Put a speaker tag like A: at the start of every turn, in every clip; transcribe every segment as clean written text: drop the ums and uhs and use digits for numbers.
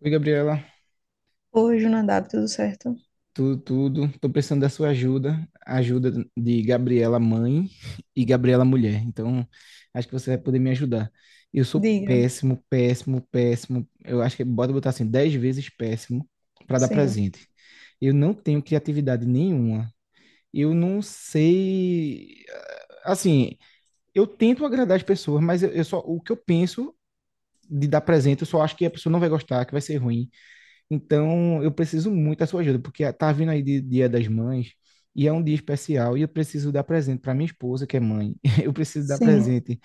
A: Oi, Gabriela.
B: Hoje o Nadab, tudo certo?
A: Tudo. Tô precisando da sua ajuda. Ajuda de Gabriela mãe e Gabriela mulher. Então, acho que você vai poder me ajudar. Eu sou
B: Diga.
A: péssimo, péssimo, péssimo. Eu acho que botar assim, 10 vezes péssimo para dar
B: Sim,
A: presente. Eu não tenho criatividade nenhuma. Eu não sei. Assim, eu tento agradar as pessoas, mas eu só o que eu penso de dar presente, eu só acho que a pessoa não vai gostar, que vai ser ruim. Então, eu preciso muito da sua ajuda, porque tá vindo Dia das Mães e é um dia especial e eu preciso dar presente para minha esposa, que é mãe. Eu preciso dar
B: sim,
A: presente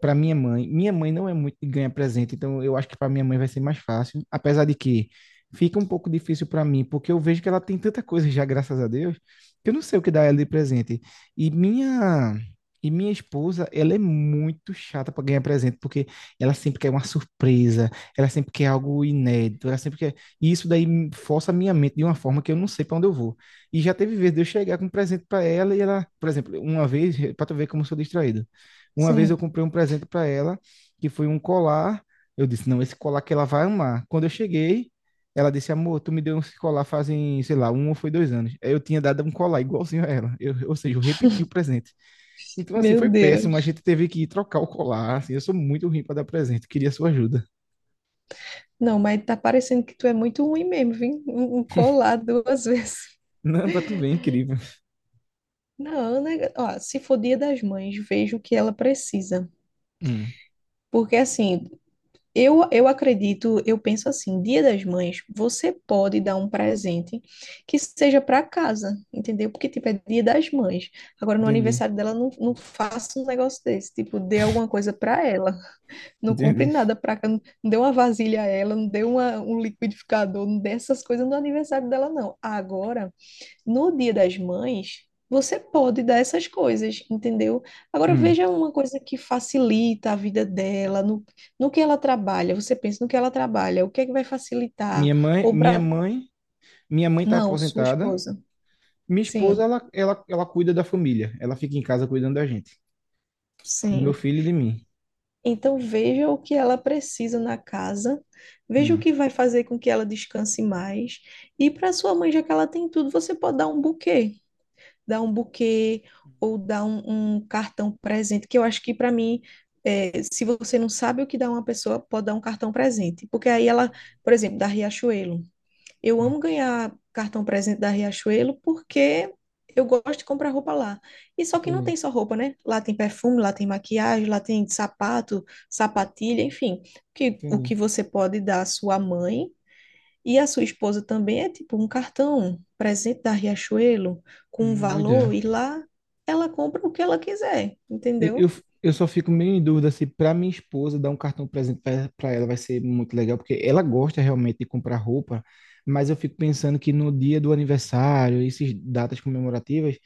A: para minha mãe. Minha mãe não é muito de ganhar presente, então eu acho que para minha mãe vai ser mais fácil, apesar de que fica um pouco difícil para mim, porque eu vejo que ela tem tanta coisa já, graças a Deus, que eu não sei o que dar ela de presente. E minha e minha esposa, ela é muito chata para ganhar presente, porque ela sempre quer uma surpresa, ela sempre quer algo inédito, ela sempre quer e isso força a minha mente de uma forma que eu não sei para onde eu vou. E já teve vezes de eu chegar com um presente para ela e ela, por exemplo, uma vez, para tu ver como eu sou distraído. Uma vez eu
B: sim.
A: comprei um presente para ela que foi um colar. Eu disse, não, esse colar que ela vai amar. Quando eu cheguei, ela disse, amor, tu me deu esse colar fazem, sei lá, um ou foi dois anos. Aí eu tinha dado um colar igualzinho a ela. Eu, ou seja, eu repeti o presente. Então, assim,
B: Meu
A: foi péssimo. A
B: Deus.
A: gente teve que ir trocar o colar. Assim, eu sou muito ruim para dar presente. Queria sua ajuda.
B: Não, mas tá parecendo que tu é muito ruim mesmo, viu? Um colar duas vezes.
A: Não, pra tu ver, incrível.
B: Não, né? Ó, se for Dia das Mães, vejo o que ela precisa.
A: Hum,
B: Porque assim, eu acredito, eu penso assim, Dia das Mães, você pode dar um presente que seja para casa, entendeu? Porque, tipo, é Dia das Mães. Agora, no
A: entendi.
B: aniversário dela, não, não faça um negócio desse, tipo, dê alguma coisa para ela. Não compre
A: Entendi.
B: nada pra cá, não dê uma vasilha a ela, não dê uma, um liquidificador, não dê essas coisas no aniversário dela, não. Agora, no Dia das Mães, você pode dar essas coisas, entendeu? Agora,
A: Hum.
B: veja uma coisa que facilita a vida dela, no que ela trabalha. Você pensa no que ela trabalha, o que é que vai facilitar?
A: Minha mãe,
B: Ou
A: minha
B: pra...
A: mãe, minha mãe tá
B: Não, sua
A: aposentada.
B: esposa.
A: Minha esposa,
B: Sim,
A: ela cuida da família. Ela fica em casa cuidando da gente, do meu
B: sim.
A: filho e de mim.
B: Então veja o que ela precisa na casa, veja o
A: Hum.
B: que vai fazer com que ela descanse mais. E para sua mãe, já que ela tem tudo, você pode dar um buquê ou dar um, um cartão presente, que eu acho que para mim, é, se você não sabe o que dá uma pessoa, pode dar um cartão presente, porque aí ela, por exemplo, da Riachuelo. Eu
A: Ah,
B: amo ganhar cartão presente da Riachuelo porque eu gosto de comprar roupa lá. E só que não
A: entendi,
B: tem só roupa, né? Lá tem perfume, lá tem maquiagem, lá tem sapato, sapatilha, enfim. Que, o
A: entendi.
B: que você pode dar à sua mãe e à sua esposa também é tipo um cartão um presente da Riachuelo com um
A: Boa
B: valor
A: ideia.
B: e lá ela compra o que ela quiser,
A: Eu, eu,
B: entendeu?
A: eu só fico meio em dúvida se para minha esposa dar um cartão presente para ela vai ser muito legal, porque ela gosta realmente de comprar roupa, mas eu fico pensando que no dia do aniversário, essas datas comemorativas,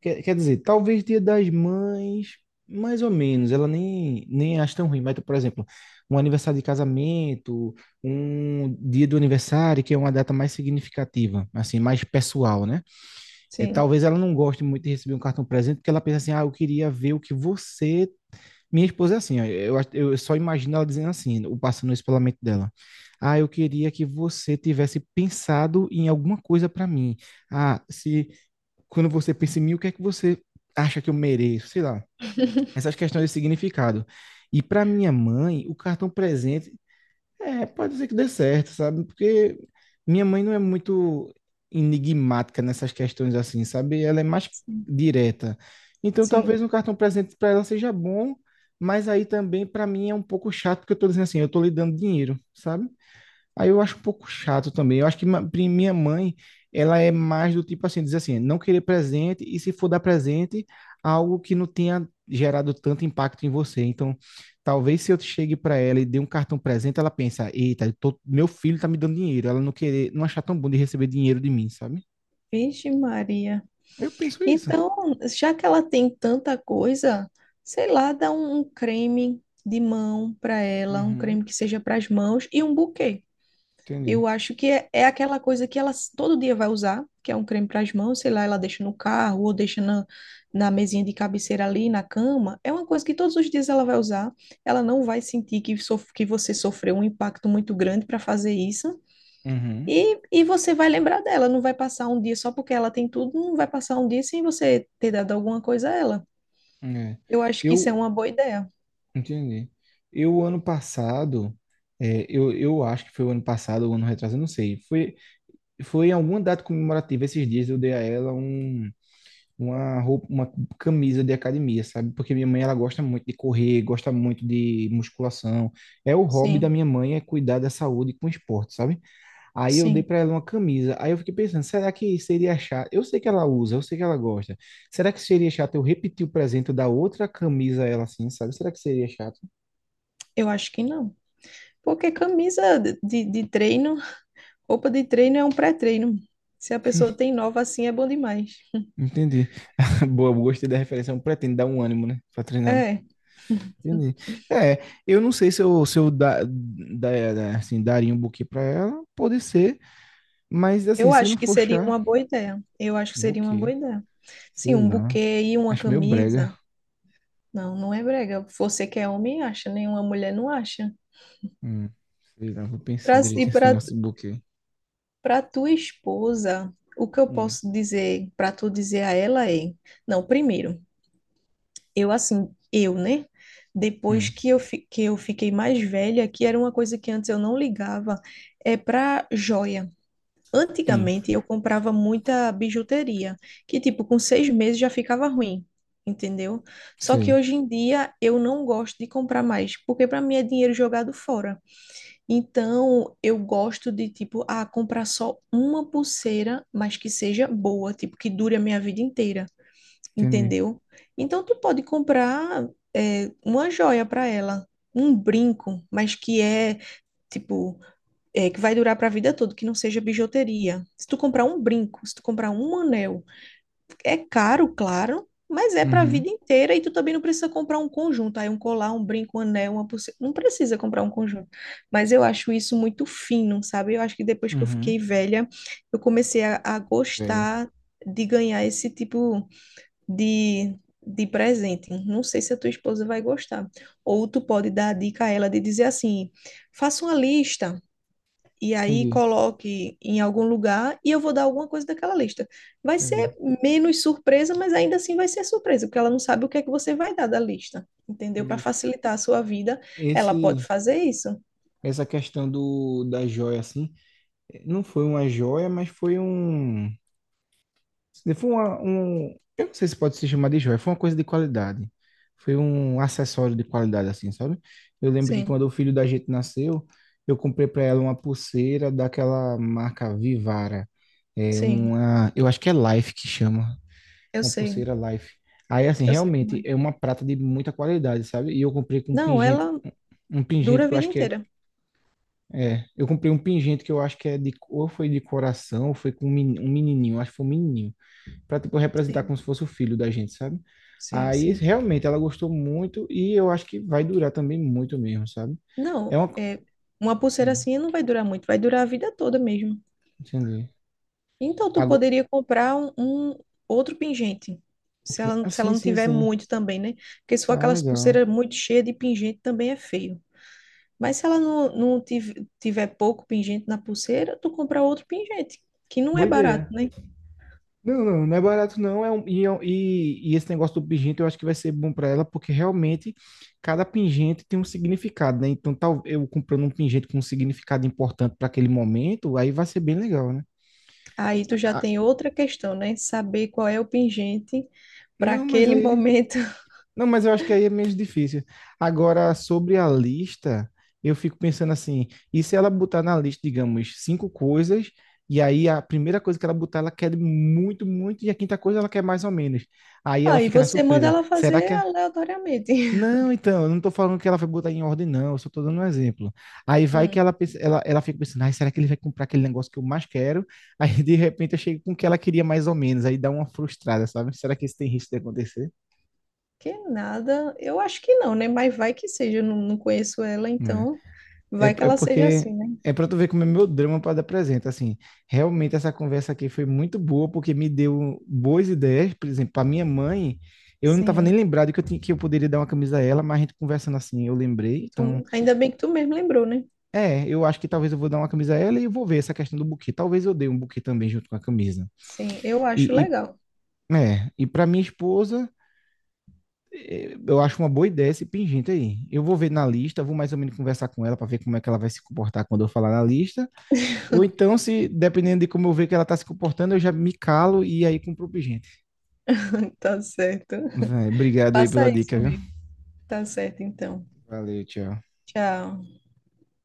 A: Quer dizer, talvez Dia das Mães, mais ou menos, ela nem acha tão ruim, mas, por exemplo, um aniversário de casamento, um dia do aniversário, que é uma data mais significativa, assim, mais pessoal, né? É,
B: Sim,
A: talvez ela não goste muito de receber um cartão presente, porque ela pensa assim, ah, eu queria ver o que você... Minha esposa é assim, ó, eu só imagino ela dizendo assim, o passando isso pela mente dela. Ah, eu queria que você tivesse pensado em alguma coisa para mim. Ah, se quando você pensa em mim, o que é que você acha que eu mereço? Sei lá. Essas questões de significado. E para minha mãe, o cartão presente, é, pode ser que dê certo, sabe? Porque minha mãe não é muito enigmática nessas questões assim, sabe? Ela é mais
B: sim.
A: direta. Então,
B: Sim.
A: talvez um cartão presente para ela seja bom, mas aí também para mim é um pouco chato, porque eu tô dizendo assim, eu tô lhe dando dinheiro, sabe? Aí eu acho um pouco chato também. Eu acho que minha mãe, ela é mais do tipo assim, diz assim, não querer presente e se for dar presente, algo que não tenha gerado tanto impacto em você. Então, talvez se eu chegue para ela e dê um cartão presente, ela pensa, eita, meu filho tá me dando dinheiro. Ela não querer, não achar tão bom de receber dinheiro de mim, sabe?
B: Vixe Maria.
A: Eu penso isso.
B: Então, já que ela tem tanta coisa, sei lá, dá um, um creme de mão para ela, um
A: Uhum,
B: creme que seja para as mãos e um buquê.
A: entendi.
B: Eu acho que é, é aquela coisa que ela s- todo dia vai usar, que é um creme para as mãos, sei lá, ela deixa no carro ou deixa na, na mesinha de cabeceira ali, na cama. É uma coisa que todos os dias ela vai usar. Ela não vai sentir que, sof que você sofreu um impacto muito grande para fazer isso.
A: Uhum.
B: E você vai lembrar dela, não vai passar um dia só porque ela tem tudo, não vai passar um dia sem você ter dado alguma coisa a ela.
A: É.
B: Eu acho que isso é
A: Eu
B: uma boa ideia.
A: entendi. Eu ano passado, é, eu acho que foi o ano passado, o ano retrasado, eu não sei. Foi em alguma data comemorativa esses dias eu dei a ela um, uma roupa, uma camisa de academia, sabe? Porque minha mãe ela gosta muito de correr, gosta muito de musculação. É o hobby da
B: Sim,
A: minha mãe é cuidar da saúde com esporte, sabe? Aí eu dei
B: sim,
A: para ela uma camisa. Aí eu fiquei pensando, será que seria chato? Eu sei que ela usa, eu sei que ela gosta. Será que seria chato eu repetir o presente da outra camisa a ela assim, sabe? Será que seria chato?
B: eu acho que não. Porque camisa de, de treino, roupa de treino é um pré-treino. Se a pessoa tem nova assim, é bom demais.
A: Entendi. Boa, gostei da referência. Eu pretendo dar um ânimo, né? Pra treinar, né?
B: É,
A: Entendi. É, eu não sei se eu, se eu da, da- da- assim, daria um buquê pra ela, pode ser, mas assim,
B: eu
A: se não
B: acho que
A: for
B: seria
A: chá,
B: uma boa ideia. Eu acho que seria uma boa
A: buquê,
B: ideia. Sim,
A: sei
B: um
A: lá,
B: buquê e uma
A: acho meio brega.
B: camisa. Não, não é brega. Você que é homem acha, nenhuma mulher não acha.
A: Hum, sei lá, vou pensar
B: Pra-
A: direito
B: e
A: nesse
B: para
A: negócio de buquê.
B: Para tua esposa, o que eu
A: Hum,
B: posso dizer para tu dizer a ela é, não, primeiro, eu assim, eu, né? Depois
A: hum,
B: que eu, fi- que eu fiquei mais velha, que era uma coisa que antes eu não ligava, é para joia.
A: sim,
B: Antigamente eu comprava muita bijuteria, que tipo, com 6 meses já ficava ruim, entendeu? Só que
A: sei,
B: hoje em dia eu não gosto de comprar mais, porque para mim é dinheiro jogado fora. Então, eu gosto de, tipo, ah, comprar só uma pulseira, mas que seja boa, tipo, que dure a minha vida inteira,
A: entendi.
B: entendeu? Então, tu pode comprar, é, uma joia para ela, um brinco, mas que é, tipo, é, que vai durar para a vida toda, que não seja bijuteria. Se tu comprar um brinco, se tu comprar um anel, é caro, claro, mas é para a
A: Uhum,
B: vida inteira e tu também não precisa comprar um conjunto, aí um colar, um brinco, um anel, uma pulseira, não precisa comprar um conjunto. Mas eu acho isso muito fino, sabe? Eu acho que depois que eu fiquei
A: uhum,
B: velha, eu comecei a
A: velho,
B: gostar de ganhar esse tipo de de presente. Não sei se a tua esposa vai gostar. Ou tu pode dar a dica a ela de dizer assim: faça uma lista e aí
A: entendi,
B: coloque em algum lugar e eu vou dar alguma coisa daquela lista. Vai ser
A: entendi,
B: menos surpresa, mas ainda assim vai ser surpresa, porque ela não sabe o que é que você vai dar da lista, entendeu? Para
A: entendi.
B: facilitar a sua vida, ela pode
A: Esse,
B: fazer isso.
A: essa questão do, da joia, assim, não foi uma joia, mas foi um Se for uma- um, eu não sei se pode se chamar de joia, foi uma coisa de qualidade. Foi um acessório de qualidade, assim, sabe? Eu lembro que quando
B: Sim,
A: o filho da gente nasceu, eu comprei para ela uma pulseira daquela marca Vivara. É
B: sim,
A: uma, eu acho que é Life que chama,
B: eu
A: uma
B: sei,
A: pulseira Life. Aí, assim,
B: eu sei como
A: realmente
B: é.
A: é uma prata de muita qualidade, sabe? E eu comprei com
B: Não, ela
A: um
B: dura
A: pingente
B: a
A: que eu
B: vida
A: acho que é.
B: inteira.
A: É, eu comprei um pingente que eu acho que é de, ou foi de coração, ou foi com um um menininho, acho que foi um menininho para tipo representar
B: Sim,
A: como se fosse o filho da gente, sabe?
B: sim,
A: Aí
B: sim.
A: realmente ela gostou muito e eu acho que vai durar também muito mesmo, sabe? É
B: Não,
A: uma
B: é, uma pulseira
A: Hum,
B: assim não vai durar muito, vai durar a vida toda mesmo.
A: entendi.
B: Então, tu
A: Agora,
B: poderia comprar um, um outro pingente. Se ela, não-
A: ah,
B: se ela
A: sim,
B: não
A: sim,
B: tiver
A: sim.
B: muito também, né? Porque se for
A: Ah,
B: aquelas
A: legal.
B: pulseiras muito cheias de pingente, também é feio. Mas se ela não, não tiv- tiver pouco pingente na pulseira, tu compra outro pingente, que não é
A: Boa
B: barato,
A: ideia.
B: né?
A: Não, não, não é barato não, e esse negócio do pingente eu acho que vai ser bom para ela, porque realmente cada pingente tem um significado, né? Então, tal, eu comprando um pingente com um significado importante para aquele momento, aí vai ser bem legal, né?
B: Aí tu já
A: Ah,
B: tem outra questão, né? Saber qual é o pingente para
A: não, mas
B: aquele
A: aí
B: momento.
A: Não, mas eu acho que aí é menos difícil. Agora, sobre a lista, eu fico pensando assim, e se ela botar na lista, digamos, cinco coisas, e aí a primeira coisa que ela botar, ela quer muito, muito, e a quinta coisa ela quer mais ou menos. Aí ela
B: Aí
A: fica na
B: você manda
A: surpresa.
B: ela fazer aleatoriamente.
A: Não, então, eu não tô falando que ela vai botar em ordem, não, eu só tô dando um exemplo. Aí vai que
B: Hum.
A: ela fica pensando, ai, será que ele vai comprar aquele negócio que eu mais quero? Aí, de repente, eu chego com o que ela queria mais ou menos, aí dá uma frustrada, sabe? Será que isso tem risco de acontecer?
B: Que nada, eu acho que não, né? Mas vai que seja, eu não, não conheço ela, então
A: É,
B: vai que
A: é
B: ela seja
A: porque
B: assim, né?
A: é pra tu ver como é meu drama para dar presente. Assim, realmente essa conversa aqui foi muito boa porque me deu boas ideias. Por exemplo, para minha mãe, eu não tava nem
B: Sim.
A: lembrado que eu tinha, que eu poderia dar uma camisa a ela, mas a gente conversando assim, eu lembrei. Então,
B: Tu- ainda bem que tu mesmo lembrou, né?
A: é, eu acho que talvez eu vou dar uma camisa a ela e eu vou ver essa questão do buquê. Talvez eu dê um buquê também junto com a camisa.
B: Sim, eu acho
A: E, e
B: legal.
A: e para minha esposa, eu acho uma boa ideia esse pingente aí. Eu vou ver na lista, vou mais ou menos conversar com ela para ver como é que ela vai se comportar quando eu falar na lista. Ou então, se dependendo de como eu ver que ela tá se comportando, eu já me calo e aí compro pro gente.
B: Tá certo.
A: Vai, obrigado aí
B: Faça
A: pela
B: isso
A: dica, viu?
B: mesmo. Tá certo, então.
A: Valeu, tchau.
B: Tchau.